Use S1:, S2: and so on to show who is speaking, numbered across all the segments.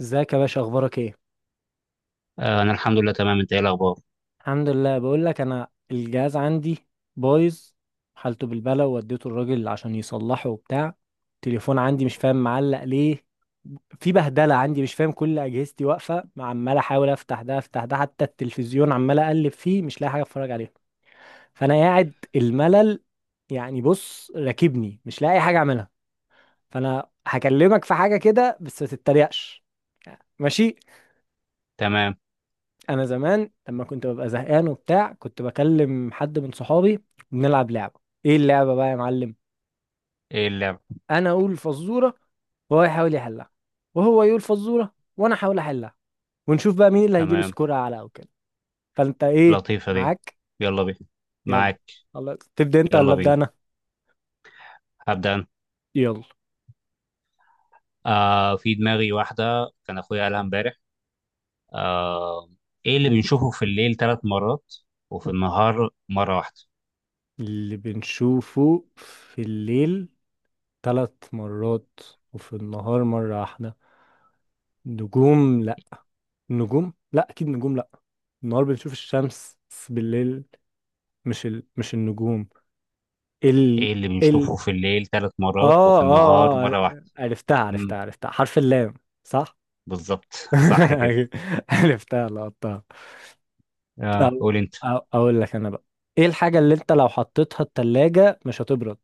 S1: ازيك يا باشا، اخبارك ايه؟
S2: آه، انا الحمد لله تمام. انت ايه الاخبار؟
S1: الحمد لله. بقول لك انا الجهاز عندي بايظ، حالته بالبلا، ووديته الراجل عشان يصلحه وبتاع. التليفون عندي مش فاهم معلق ليه. في بهدله عندي، مش فاهم، كل اجهزتي واقفه، عمال احاول افتح ده افتح ده، حتى التلفزيون عمال اقلب فيه مش لاقي حاجه اتفرج عليها. فانا قاعد الملل. يعني بص، راكبني، مش لاقي حاجه اعملها. فانا هكلمك في حاجه كده بس ما تتريقش. ماشي.
S2: تمام.
S1: انا زمان لما كنت ببقى زهقان وبتاع كنت بكلم حد من صحابي، ونلعب لعبه. ايه اللعبه بقى يا معلم؟
S2: ايه اللعب؟
S1: انا اقول فزوره وهو يحاول يحلها، وهو يقول فزوره وانا احاول احلها، ونشوف بقى مين اللي هيجيب
S2: تمام.
S1: سكور اعلى او كده. فانت ايه
S2: لطيفه دي.
S1: معاك؟
S2: يلا بينا.
S1: يلا.
S2: معاك.
S1: خلاص، تبدا انت
S2: يلا
S1: ولا ابدا
S2: بينا.
S1: انا؟
S2: هبدا انا.
S1: يلا.
S2: آه، في دماغي واحده كان اخويا قالها امبارح. آه. ايه اللي بنشوفه في الليل 3 مرات وفي النهار مره واحده؟
S1: اللي بنشوفه في الليل 3 مرات، وفي النهار مره واحده. نجوم؟ لا. نجوم لا، اكيد نجوم لا. النهار بنشوف الشمس، بس بالليل مش مش النجوم.
S2: ايه
S1: ال
S2: اللي
S1: ال
S2: بنشوفه في الليل ثلاث مرات
S1: اه،
S2: وفي النهار
S1: اه، اه،
S2: مره واحده؟
S1: عرفتها
S2: مم.
S1: عرفتها عرفتها، حرف اللام. صح؟
S2: بالظبط. صح كده.
S1: عرفتها لقطتها.
S2: آه،
S1: أو...
S2: قول انت.
S1: اقول لك انا بقى، ايه الحاجة اللي انت لو حطيتها التلاجة مش هتبرد؟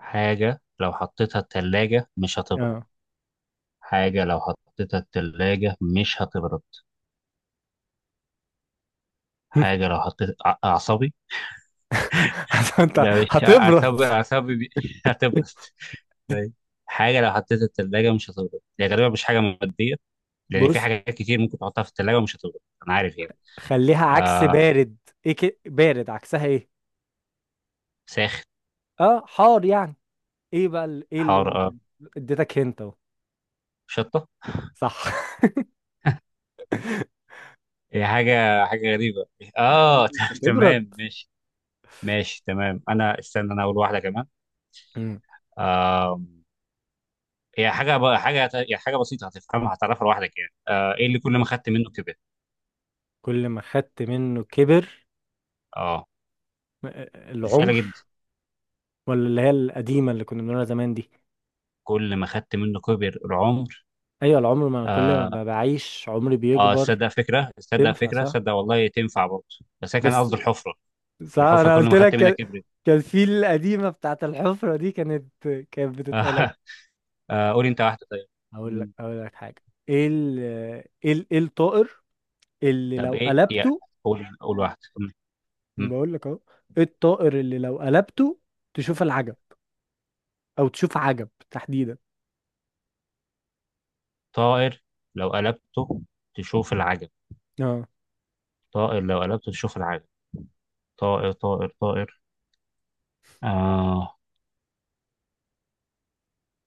S2: حاجه لو حطيتها الثلاجه مش هتبرد.
S1: اه.
S2: حاجه لو حطيتها الثلاجه مش هتبرد. حاجة لو حطيت أعصابي.
S1: انت.
S2: لا، مش
S1: هتبرد.
S2: أعصابي. أعصابي هتبرد. طيب. حاجة لو حطيتها في التلاجة مش هتبرد، هي غالبا مش حاجة مادية، لأن في
S1: بص،
S2: حاجات كتير ممكن تحطها في التلاجة ومش هتبرد. أنا عارف يعني.
S1: خليها عكس
S2: آه.
S1: بارد. ايه بارد عكسها ايه؟
S2: ساخن.
S1: اه، حار يعني. ايه بقى ايه اللي
S2: حار، آه.
S1: ممكن. اديتك هنت اهو.
S2: شطة.
S1: صح.
S2: هي حاجة غريبة. آه.
S1: مش هتبرد.
S2: تمام ماشي. ماشي تمام. أنا استنى، أنا أقول واحدة كمان.
S1: مم.
S2: آه. هي حاجة ب- حاجة هي حاجة بسيطة، هتفهمها هتعرفها لوحدك يعني. إيه اللي كل ما خدت منه كبر؟
S1: كل ما خدت منه كبر.
S2: آه.
S1: آه،
S2: دي سهلة
S1: العمر.
S2: جدا.
S1: ولا اللي هي القديمة اللي كنا بنقولها زمان دي؟
S2: كل ما خدت منه كبر العمر.
S1: أيوة العمر، ما أنا كل ما بعيش عمري
S2: اه،
S1: بيكبر.
S2: تصدق فكره تصدق
S1: تنفع
S2: فكره
S1: صح؟
S2: تصدق، والله تنفع برضه. بس انا كان
S1: بس،
S2: قصدي الحفره.
S1: صح
S2: الحفره
S1: أنا
S2: كل
S1: قلت
S2: ما خدت
S1: لك
S2: منها
S1: كان،
S2: كبرت.
S1: كان في القديمة بتاعت الحفرة دي كانت بتتقالك.
S2: آه. آه، قولي انت واحده طيب.
S1: أقول لك
S2: مم.
S1: أقول لك حاجة. إيه ال إيه الطائر اللي
S2: طب
S1: لو
S2: ايه يعني؟
S1: قلبته.
S2: قول، قول واحده. مم. مم.
S1: بقول لك أهو. إيه الطائر اللي لو قلبته تشوف العجب، أو تشوف عجب تحديدا؟
S2: طائر لو قلبته تشوف العجب.
S1: اه.
S2: طائر لو قلبته تشوف العجب. طائر، طائر، طائر. آه.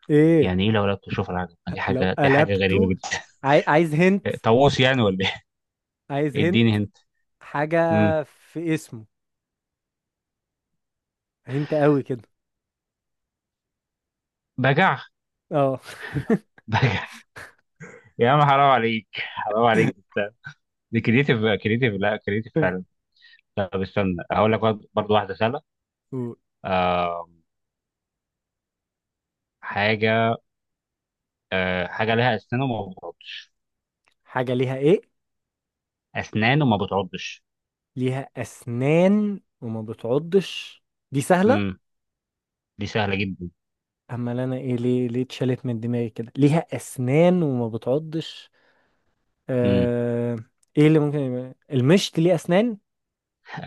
S1: إيه؟
S2: يعني ايه لو قلبته تشوف العجب؟ دي
S1: لو
S2: حاجه دي حاجه غريبه
S1: قلبته.
S2: جدا.
S1: عاي... عايز هنت
S2: طاووس يعني ولا ايه؟
S1: عايز هنت
S2: اديني هنت.
S1: حاجة
S2: مم.
S1: في اسمه. هنت قوي كده.
S2: بجع؟
S1: اه.
S2: بجع. يا عم، حرام عليك، حرام عليك ده. دي كريتيف. كريتيف، لا كريتيف فعلا. طب استنى، هقول لك برضه برضه واحده سهله.
S1: قول.
S2: آه. حاجه. آه، حاجه لها اسنان وما بتعضش.
S1: حاجة ليها ايه؟
S2: اسنان وما بتعضش.
S1: ليها اسنان وما بتعضش. دي سهلة.
S2: امم. دي سهله جدا.
S1: اما انا ايه ليه اتشالت من دماغي كده، ليها اسنان وما بتعضش.
S2: امم.
S1: آه... ايه اللي ممكن يبقى المشط ليه اسنان.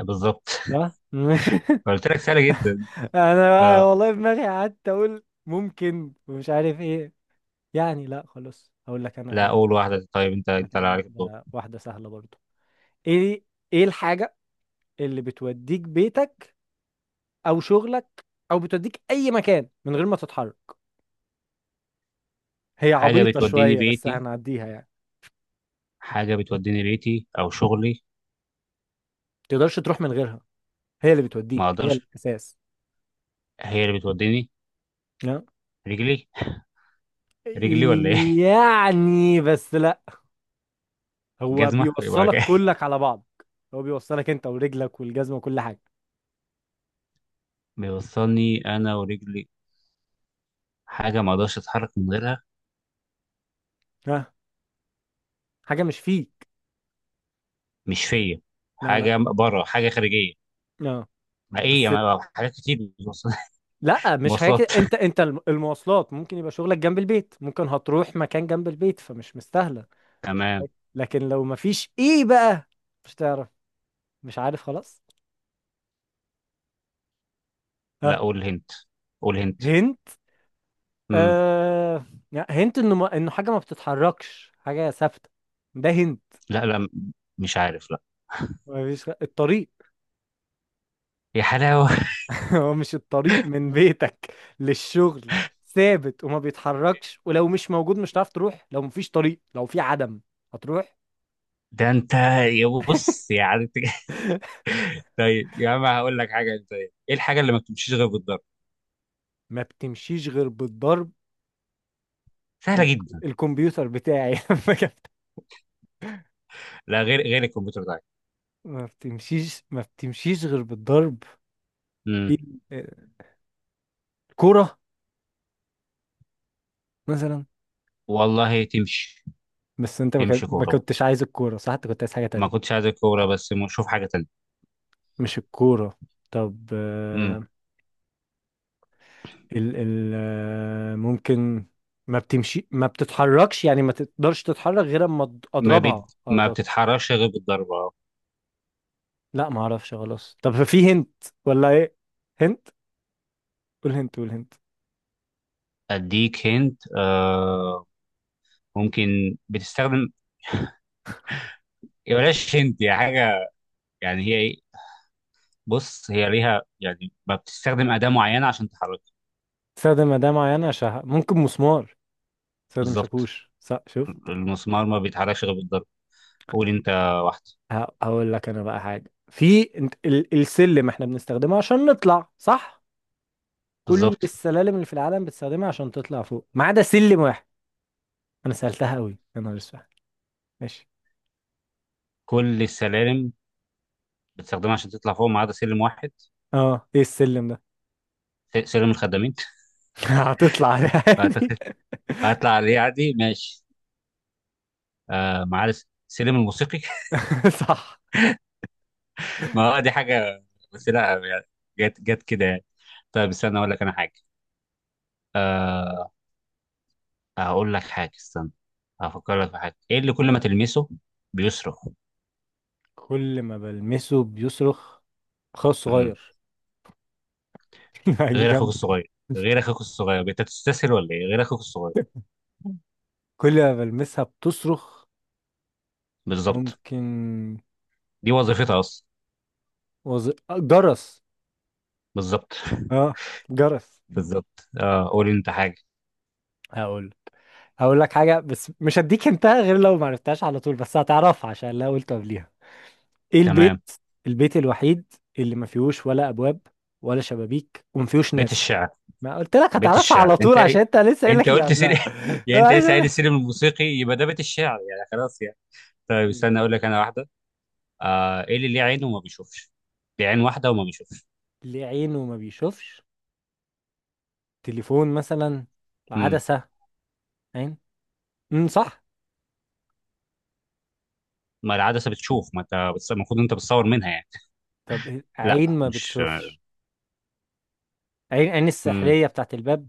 S2: بالظبط.
S1: لا.
S2: قلت لك سهله جدا.
S1: انا بقى
S2: آه.
S1: والله دماغي قعدت اقول ممكن ومش عارف ايه. يعني لا خلاص، هقول لك انا.
S2: لا،
S1: هقول
S2: اول واحده. طيب انت
S1: لك
S2: انت
S1: انا
S2: اللي عليك الدور.
S1: واحده، واحده سهله برضو. ايه ايه الحاجه اللي بتوديك بيتك، او شغلك، او بتوديك اي مكان من غير ما تتحرك؟ هي
S2: حاجه
S1: عبيطه
S2: بتوديني
S1: شويه بس
S2: بيتي.
S1: هنعديها يعني.
S2: حاجه بتوديني بيتي او شغلي.
S1: ما تقدرش تروح من غيرها، هي اللي
S2: ما
S1: بتوديك، هي
S2: اقدرش.
S1: الاساس.
S2: هي اللي بتوديني.
S1: لا.
S2: رجلي. رجلي ولا ايه؟
S1: يعني بس لا. هو
S2: جزمه يبقى
S1: بيوصلك
S2: كده.
S1: كلك على بعض. هو بيوصلك انت ورجلك والجزمه وكل حاجه.
S2: بيوصلني انا ورجلي. حاجه ما اقدرش اتحرك من غيرها.
S1: ها. حاجه مش فيك.
S2: مش فيا.
S1: لا، لا.
S2: حاجه بره، حاجه خارجيه.
S1: اه.
S2: ما ايه، يا
S1: بس
S2: ما حاجات كتير. مواصلات.
S1: لا مش حاجه كده،
S2: مواصلات.
S1: انت المواصلات ممكن يبقى شغلك جنب البيت، ممكن هتروح مكان جنب البيت فمش مستاهله.
S2: تمام.
S1: لكن لو مفيش، ايه بقى؟ مش تعرف؟ مش عارف خلاص.
S2: لا،
S1: ها؟
S2: قول هنت، قول هنت.
S1: هنت.
S2: امم.
S1: آه. لا، هنت انه حاجه ما بتتحركش، حاجه ثابته. ده هنت.
S2: لا، لا، مش عارف، لا.
S1: مفيش الطريق.
S2: يا حلاوه.
S1: هو مش الطريق من بيتك للشغل ثابت وما بيتحركش؟ ولو مش موجود مش هتعرف تروح، لو مفيش طريق، لو في عدم هتروح؟
S2: ده انت. يا بص، يعني انت. طيب يا عم، هقول لك حاجه. انت ايه الحاجه اللي ما بتمشيش غير بالضرب؟
S1: ما بتمشيش غير بالضرب.
S2: سهله
S1: ال-
S2: جدا.
S1: الكمبيوتر بتاعي
S2: لا، غير الكمبيوتر ده.
S1: ما بتمشيش غير بالضرب.
S2: امم.
S1: ايه، الكورة مثلا.
S2: والله تمشي.
S1: بس انت
S2: تمشي
S1: ما
S2: كوره.
S1: كنتش عايز الكورة، صح؟ انت كنت عايز حاجة
S2: ما
S1: تانية.
S2: كنتش عايز الكوره بس، شوف حاجه تانيه.
S1: مش الكورة. طب
S2: امم.
S1: ال ال آه، ممكن ما بتتحركش، يعني ما تقدرش تتحرك غير اما اضربها،
S2: ما
S1: اخبط.
S2: بتتحركش غير بالضربه.
S1: لا ما اعرفش خلاص. طب في هنت ولا ايه؟ هنت. قول هنت، قول هنت.
S2: اديك هنت، آه. ممكن بتستخدم. يا بلاش هنت، يا حاجه. يعني هي ايه؟ بص، هي ليها يعني، ما بتستخدم اداه معينه عشان تحركها.
S1: استخدم أداة معينة عشان ممكن مسمار. استخدم
S2: بالظبط.
S1: شاكوش، صح شوف.
S2: المسمار ما بيتحركش غير بالضرب. قول انت واحده.
S1: هقول لك انا بقى حاجه في السلم، احنا بنستخدمه عشان نطلع صح. كل
S2: بالظبط.
S1: السلالم اللي في العالم بتستخدمها عشان تطلع فوق ما عدا سلم واحد. انا سالتها قوي، يا نهار اسود. ماشي.
S2: كل السلالم بتستخدمها عشان تطلع فوق ما عدا سلم واحد.
S1: اه، ايه السلم ده؟
S2: سلم الخدامين.
S1: هتطلع عليه عادي.
S2: فأعتقد هطلع عليه عادي، ماشي. آه، ما عدا سلم الموسيقي.
S1: صح.
S2: ما هو دي حاجه، بس لا يعني، جت جت كده يعني. طيب استنى اقول لك انا حاجه. آه. هقول لك حاجة، استنى، هفكر لك في حاجة. ايه اللي كل ما تلمسه بيصرخ؟
S1: كل ما بلمسه بيصرخ. خاص
S2: امم.
S1: صغير. هيجي
S2: غير اخوك
S1: جنب.
S2: الصغير. غير اخوك الصغير، انت تستسهل ولا ايه؟ غير اخوك الصغير.
S1: كل ما بلمسها بتصرخ.
S2: بالظبط.
S1: ممكن
S2: دي وظيفتها اصلا.
S1: وز... آه، جرس.
S2: بالظبط.
S1: اه. جرس.
S2: بالظبط. اه، قول انت حاجة.
S1: هقول هقول لك حاجة، بس مش هديك انتهى غير لو ما عرفتهاش على طول، بس هتعرفها عشان لا قلت قبليها. ايه البيت،
S2: تمام.
S1: البيت الوحيد اللي ما فيهوش ولا ابواب، ولا شبابيك وما فيهوش
S2: بيت
S1: ناس؟
S2: الشعر.
S1: ما قلت لك
S2: بيت
S1: هتعرفها
S2: الشعر،
S1: على
S2: انت
S1: طول
S2: ايه؟
S1: عشان انت لسه قايل
S2: انت
S1: لك اللي
S2: قلت سلم،
S1: قبلها.
S2: يعني انت لسه قايل
S1: عشان-
S2: السلم الموسيقي، يبقى ده بيت الشعر يعني، خلاص يعني. طيب استنى اقول لك انا واحدة. آه، ايه اللي ليه عين وما بيشوفش؟ ليه عين واحدة وما بيشوفش.
S1: ليه عينه ما بيشوفش؟ تليفون مثلا.
S2: امم.
S1: عدسة. عين. صح.
S2: ما العدسة بتشوف، ما انت المفروض انت بتصور منها يعني.
S1: طب
S2: لا،
S1: عين ما
S2: مش.
S1: بتشوفش. عين
S2: امم.
S1: السحرية بتاعت الباب.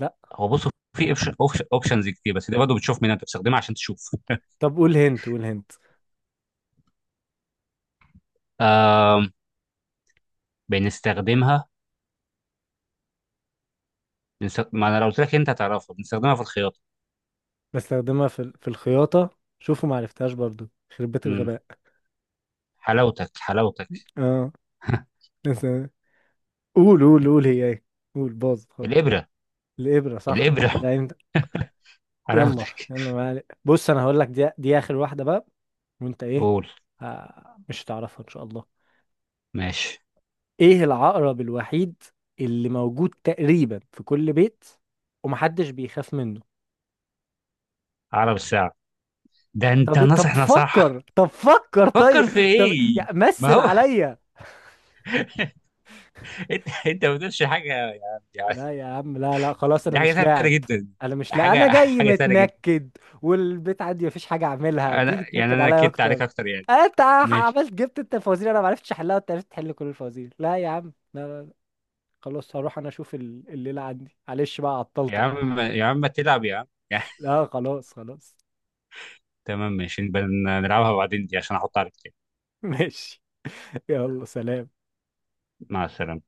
S1: لا.
S2: هو بصوا في اوبشنز كتير، بس دي برضه بتشوف. مين انت بتستخدمها عشان تشوف؟
S1: طب قول هنت، قول هنت.
S2: آم، بنستخدمها. ما انا لو قلت لك انت هتعرفها، بنستخدمها في الخياطه.
S1: بستخدمها في الخياطة. شوفوا، ما عرفتهاش برضو، خربت
S2: امم.
S1: الغباء.
S2: حلاوتك، حلاوتك.
S1: اه. بس. قول، قول، قول، هي ايه؟ قول، باظ خالص.
S2: الابره.
S1: الإبرة، صح،
S2: الابره.
S1: لا انت. يلا
S2: حلاوتك.
S1: يلا، ما عليك. بص، انا هقول لك دي اخر واحده بقى. وانت ايه؟
S2: قول.
S1: آه، مش هتعرفها ان شاء الله.
S2: ماشي.
S1: ايه العقرب الوحيد اللي موجود تقريبا في كل بيت، ومحدش بيخاف منه؟
S2: عقرب الساعه. ده انت
S1: طب، طب
S2: ناصح نصح.
S1: فكر، طب فكر، طيب.
S2: فكر في
S1: طب
S2: ايه؟
S1: يا
S2: ما
S1: مثل
S2: هو.
S1: عليا.
S2: انت ما بتقولش حاجه يعني، يعني.
S1: لا يا عم، لا، لا، خلاص انا
S2: دي حاجه
S1: مش
S2: سهله
S1: لاعب.
S2: جدا.
S1: انا مش، لا انا
S2: حاجه
S1: جاي
S2: حاجه سهله جدا.
S1: متنكد. والبيت عندي مفيش حاجه اعملها، تيجي
S2: انا يعني،
S1: تنكد
S2: انا
S1: عليا
S2: اكدت عليك
S1: اكتر.
S2: اكتر يعني.
S1: أه، انت
S2: ماشي.
S1: عملت جبت انت الفوازير، انا معرفتش احلها وانت عرفت تحل كل الفوازير. لا يا عم، لا، لا، لا. خلاص هروح انا اشوف الليله عندي، معلش بقى
S2: يا
S1: عطلتك.
S2: عم، يا عم، ما تلعب يا عم. يا-
S1: لا، خلاص، خلاص.
S2: تمام ماشي. نبقى نلعبها بعدين دي عشان احط عليك تاني.
S1: ماشي. يلا سلام.
S2: مع السلامة.